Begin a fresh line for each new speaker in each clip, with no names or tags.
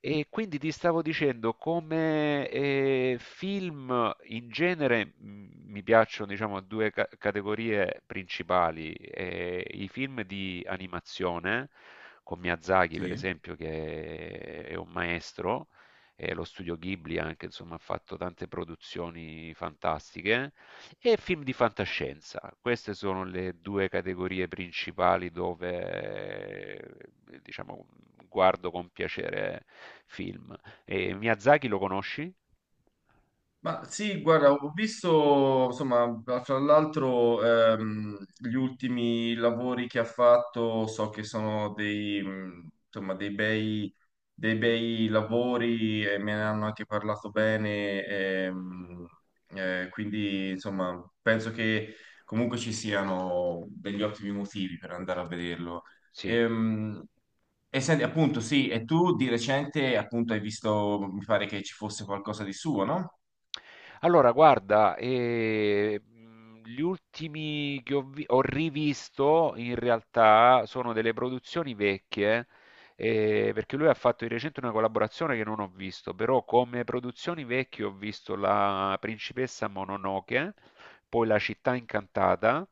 E quindi ti stavo dicendo, come film in genere, mi piacciono, diciamo, due categorie principali. I film di animazione, con Miyazaki, per
Sì.
esempio, che è un maestro, e lo studio Ghibli anche, insomma, ha fatto tante produzioni fantastiche. E film di fantascienza. Queste sono le 2 categorie principali dove, diciamo, guardo con piacere film. E Miyazaki lo conosci?
Ma sì, guarda, ho visto, insomma, tra l'altro gli ultimi lavori che ha fatto, so che sono dei bei lavori e me ne hanno anche parlato bene, quindi insomma, penso che comunque ci siano degli ottimi motivi per andare a vederlo.
Sì.
Ehm, e senti, appunto, sì, e tu di recente, appunto, hai visto, mi pare che ci fosse qualcosa di suo, no?
Allora, guarda, gli ultimi che ho rivisto in realtà sono delle produzioni vecchie, perché lui ha fatto di recente una collaborazione che non ho visto, però come produzioni vecchie ho visto La principessa Mononoke, poi La città incantata,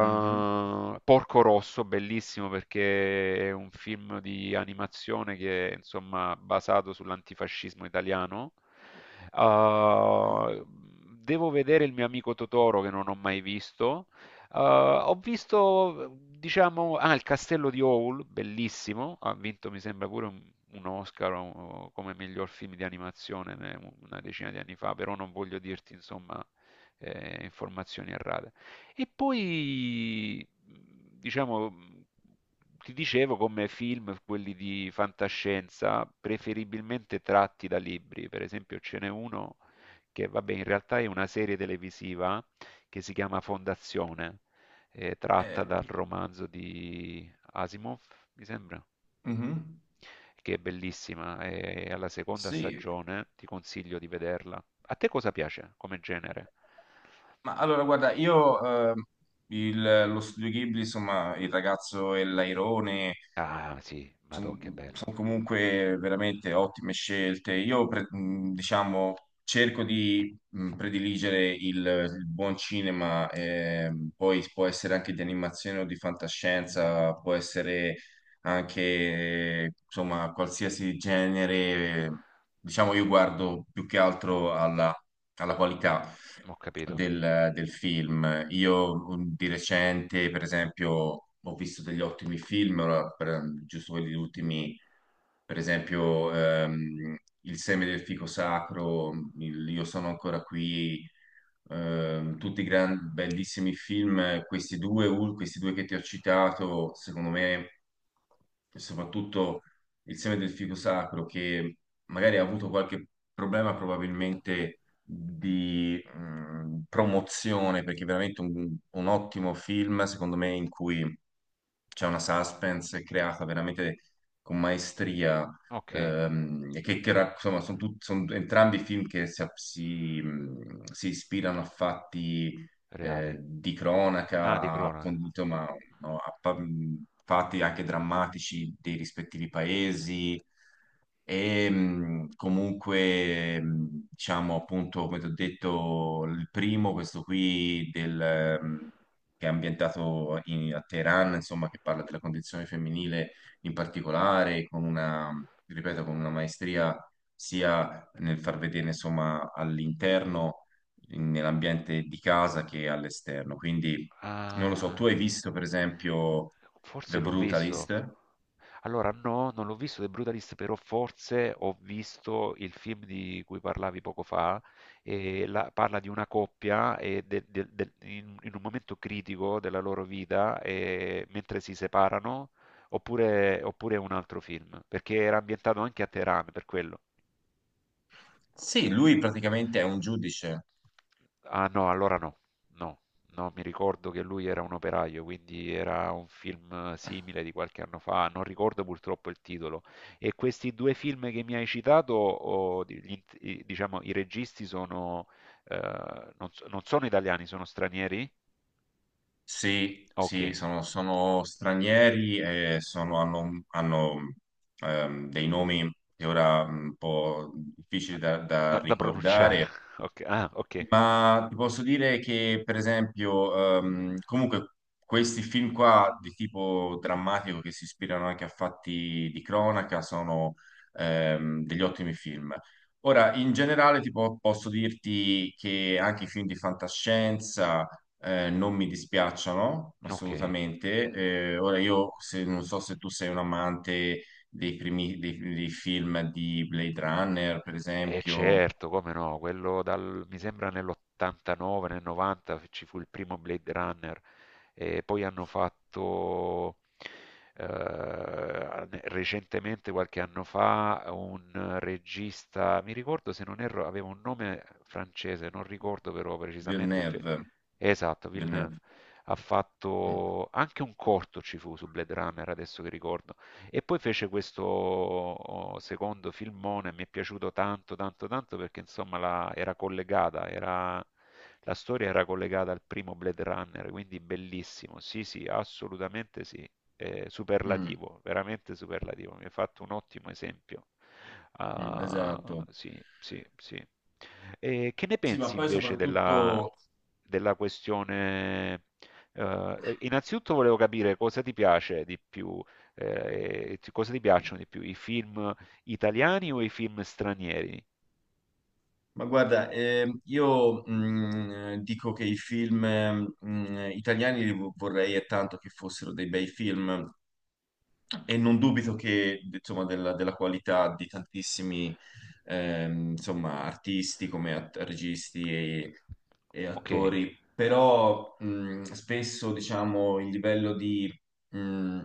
Mhm.
Porco Rosso, bellissimo perché è un film di animazione che è insomma basato sull'antifascismo italiano. Uh, Devo vedere Il mio amico Totoro, che non ho mai visto. Ho visto, diciamo, Il castello di Howl, bellissimo, ha vinto mi sembra pure un Oscar come miglior film di animazione, una decina di anni fa, però non voglio dirti insomma informazioni errate. E poi, diciamo, ti dicevo come film, quelli di fantascienza, preferibilmente tratti da libri. Per esempio, ce n'è uno che, vabbè, in realtà è una serie televisiva che si chiama Fondazione, tratta
Ehm,
dal romanzo di Asimov, mi sembra,
Mhm.
che è bellissima. È alla seconda
Sì.
stagione, ti consiglio di vederla. A te cosa piace come genere?
Ma allora, guarda, lo studio Ghibli, insomma, il ragazzo e l'airone
Ah, sì, madò che bello.
sono comunque veramente ottime scelte. Diciamo, cerco di prediligere il buon cinema, poi può essere anche di animazione o di fantascienza, può essere anche, insomma, qualsiasi genere. Diciamo, io guardo più che altro alla qualità
Ho capito.
del film. Io di recente, per esempio, ho visto degli ottimi film, ora, giusto quelli ultimi, per esempio, Il seme del fico sacro, il Io sono ancora qui, bellissimi film. Questi due che ti ho citato, secondo me, soprattutto Il seme del fico sacro, che magari ha avuto qualche problema probabilmente di promozione, perché è veramente un ottimo film, secondo me, in cui c'è una suspense creata veramente con maestria,
Okay.
e insomma, sono entrambi film che si ispirano a fatti
Reali.
di
Ah, di
cronaca, a, con-
cronaca.
insomma, no, a pa- fatti anche drammatici dei rispettivi paesi. E diciamo appunto, come ti ho detto, il primo, questo qui del, che è ambientato a Teheran, insomma, che parla della condizione femminile in particolare, con una, ripeto, con una maestria sia nel far vedere, insomma, all'interno, nell'ambiente di casa che all'esterno. Quindi, non lo so, tu
Ah.
hai visto, per esempio,
Forse
The
l'ho visto.
Brutalist?
Allora no, non l'ho visto The Brutalist, però forse ho visto il film di cui parlavi poco fa, e la parla di una coppia e de del del in un momento critico della loro vita, mentre si separano, oppure è un altro film, perché era ambientato anche a Teheran, per quello.
Sì, lui praticamente è un giudice.
Ah no, allora no, no, no, mi ricordo che lui era un operaio, quindi era un film simile di qualche anno fa, non ricordo purtroppo il titolo. E questi due film che mi hai citato, o di- gli int- i- diciamo, i registi sono, non sono italiani, sono stranieri?
Sì,
Ok.
sì, sono stranieri e hanno dei nomi che ora un po' difficili da
Da, da pronunciare.
ricordare,
Ok, ah, ok,
ma ti posso dire che, per esempio, comunque questi film qua di tipo drammatico che si ispirano anche a fatti di cronaca sono degli ottimi film. Ora, in generale, posso dirti che anche i film di fantascienza non mi dispiacciono
ok.
assolutamente. Ora, io se- non so se tu sei un amante dei primi dei film di Blade Runner, per
E
esempio.
certo, come no, quello dal, mi sembra nell'89, nel 90 ci fu il primo Blade Runner e poi hanno fatto recentemente, qualche anno fa, un regista, mi ricordo se non erro, aveva un nome francese, non ricordo però precisamente,
Villeneuve.
esatto, Villeneuve,
Vennero.
ha
Mm,
fatto anche un corto ci fu su Blade Runner, adesso che ricordo, e poi fece questo, secondo filmone, mi è piaciuto tanto, tanto, tanto, perché insomma era collegata, la storia era collegata al primo Blade Runner, quindi bellissimo. Sì, sì, assolutamente sì.
mm,
Superlativo, veramente superlativo. Mi hai fatto un ottimo esempio. Ah,
esatto.
sì, sì, sì. E che ne
Sì, ma
pensi
poi
invece della,
soprattutto,
della questione? Innanzitutto volevo capire cosa ti piace di più, cosa ti piacciono di più? I film italiani o i film stranieri?
ma guarda, dico che i film italiani vorrei e tanto che fossero dei bei film, e non dubito che, insomma, della qualità di tantissimi, insomma, artisti come registi e
Ok,
attori, però spesso, diciamo, il livello di, mh,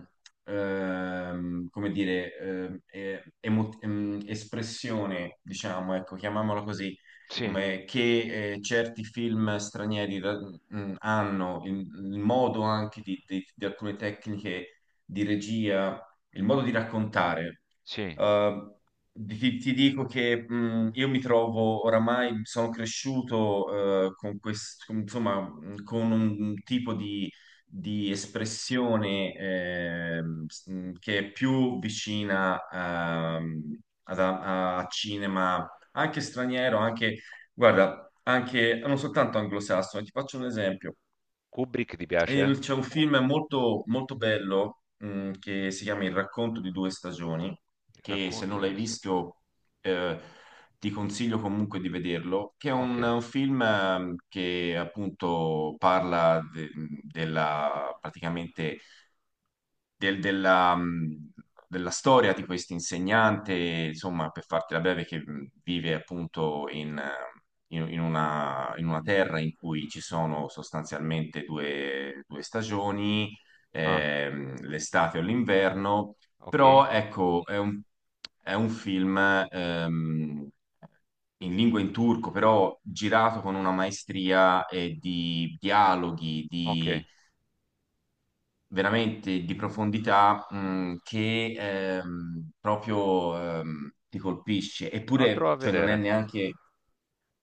come dire, espressione, diciamo, ecco, chiamiamola così,
sì,
come che certi film stranieri hanno, il modo anche di alcune tecniche di regia, il modo di raccontare.
sì.
Eh, ti dico che io mi trovo oramai, sono cresciuto con questo, insomma, con un tipo di espressione che è più vicina a cinema, anche straniero, anche, guarda, anche non soltanto anglosassone. Ti faccio un esempio.
Kubrick ti piace, eh?
C'è un film molto bello che si chiama Il racconto di due stagioni,
Il
che se
racconto
non
di
l'hai
due stagioni.
visto eh, ti consiglio comunque di vederlo, che è
Ok,
un film che appunto parla della, praticamente della, della storia di questo insegnante, insomma, per fartela breve, che vive appunto in una terra in cui ci sono sostanzialmente due stagioni,
ah,
l'estate o l'inverno,
ok,
però ecco, è è un film ehm, in turco, però girato con una maestria e di dialoghi,
ok.
di veramente di profondità, che proprio ti colpisce.
Lo
Eppure,
andrò a
cioè, non è
vedere.
neanche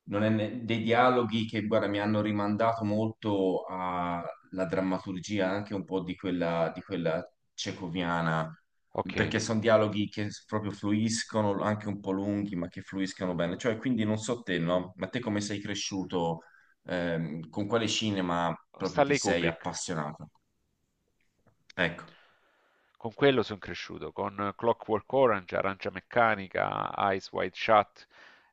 non è dei dialoghi che, guarda, mi hanno rimandato molto alla drammaturgia, anche un po' di quella cecoviana,
Ok.
perché sono dialoghi che proprio fluiscono, anche un po' lunghi, ma che fluiscono bene. Cioè, quindi non so te, no? Ma te come sei cresciuto? Con quale cinema proprio ti
Stanley
sei
Kubrick.
appassionato? Ecco.
Con quello sono cresciuto, con Clockwork Orange, Arancia Meccanica, Eyes Wide Shut,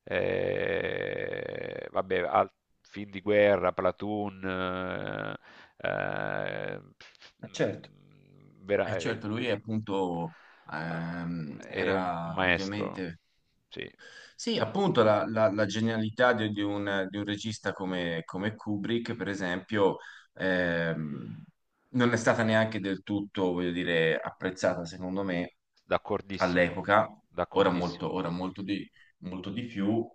vabbè, film di guerra, Platoon, pff,
Certo.
mm, vera-
E certo, lui appunto
ah, è un
era
maestro,
ovviamente...
sì,
Sì, appunto la genialità di un regista come, come Kubrick, per esempio, ehm, non è stata neanche del tutto, voglio dire, apprezzata secondo me
d'accordissimo,
all'epoca, ora molto,
d'accordissimo.
molto di più.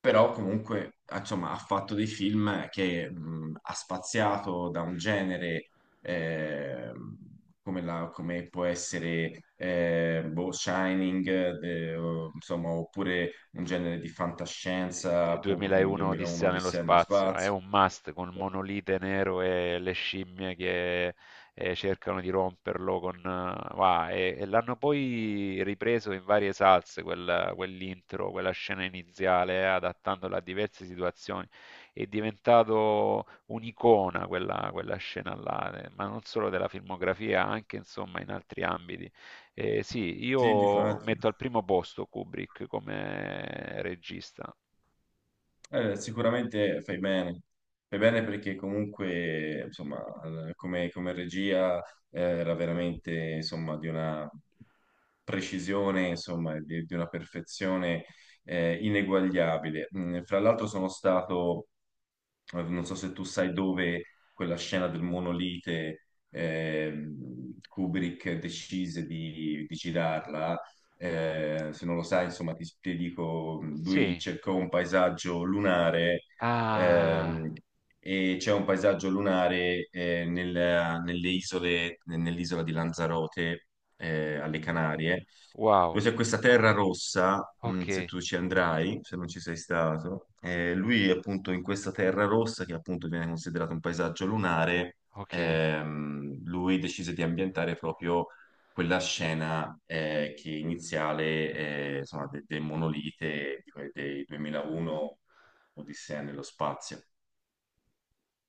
Però comunque ah, insomma, ha fatto dei film che ha spaziato da un genere eh, come, come può essere Shining, insomma, oppure un genere di
Ehm,
fantascienza, appunto come
2001
2001
Odissea
di
nello
Sam
spazio è
Spazio.
un must, con il monolite nero e le scimmie che cercano di romperlo con... va, e l'hanno poi ripreso in varie salse, quell'intro, quella scena iniziale, adattandola a diverse situazioni. È diventato un'icona quella, quella scena là, ma non solo della filmografia, anche insomma in altri ambiti. Sì,
Sì, di...
io metto al primo posto Kubrick come regista.
Sicuramente fai bene perché comunque, insomma, come, come regia era veramente, insomma, di una precisione, insomma, di una perfezione ineguagliabile. Mm. Fra l'altro sono stato, non so se tu sai dove, quella scena del monolite, Kubrick decise di girarla se non lo sai, insomma, ti dico, lui
Sì.
cercò un paesaggio lunare
Ah,
ehm, e c'è un paesaggio lunare nelle isole, nell'isola di Lanzarote, alle Canarie,
wow.
dove c'è questa terra rossa, se
Okay,
tu ci andrai, se non ci sei stato, lui appunto in questa terra rossa, che appunto viene considerato un paesaggio lunare,
okay.
lui decise di ambientare proprio quella scena che iniziale, insomma, del monolite, dei 2001 Odissea nello spazio.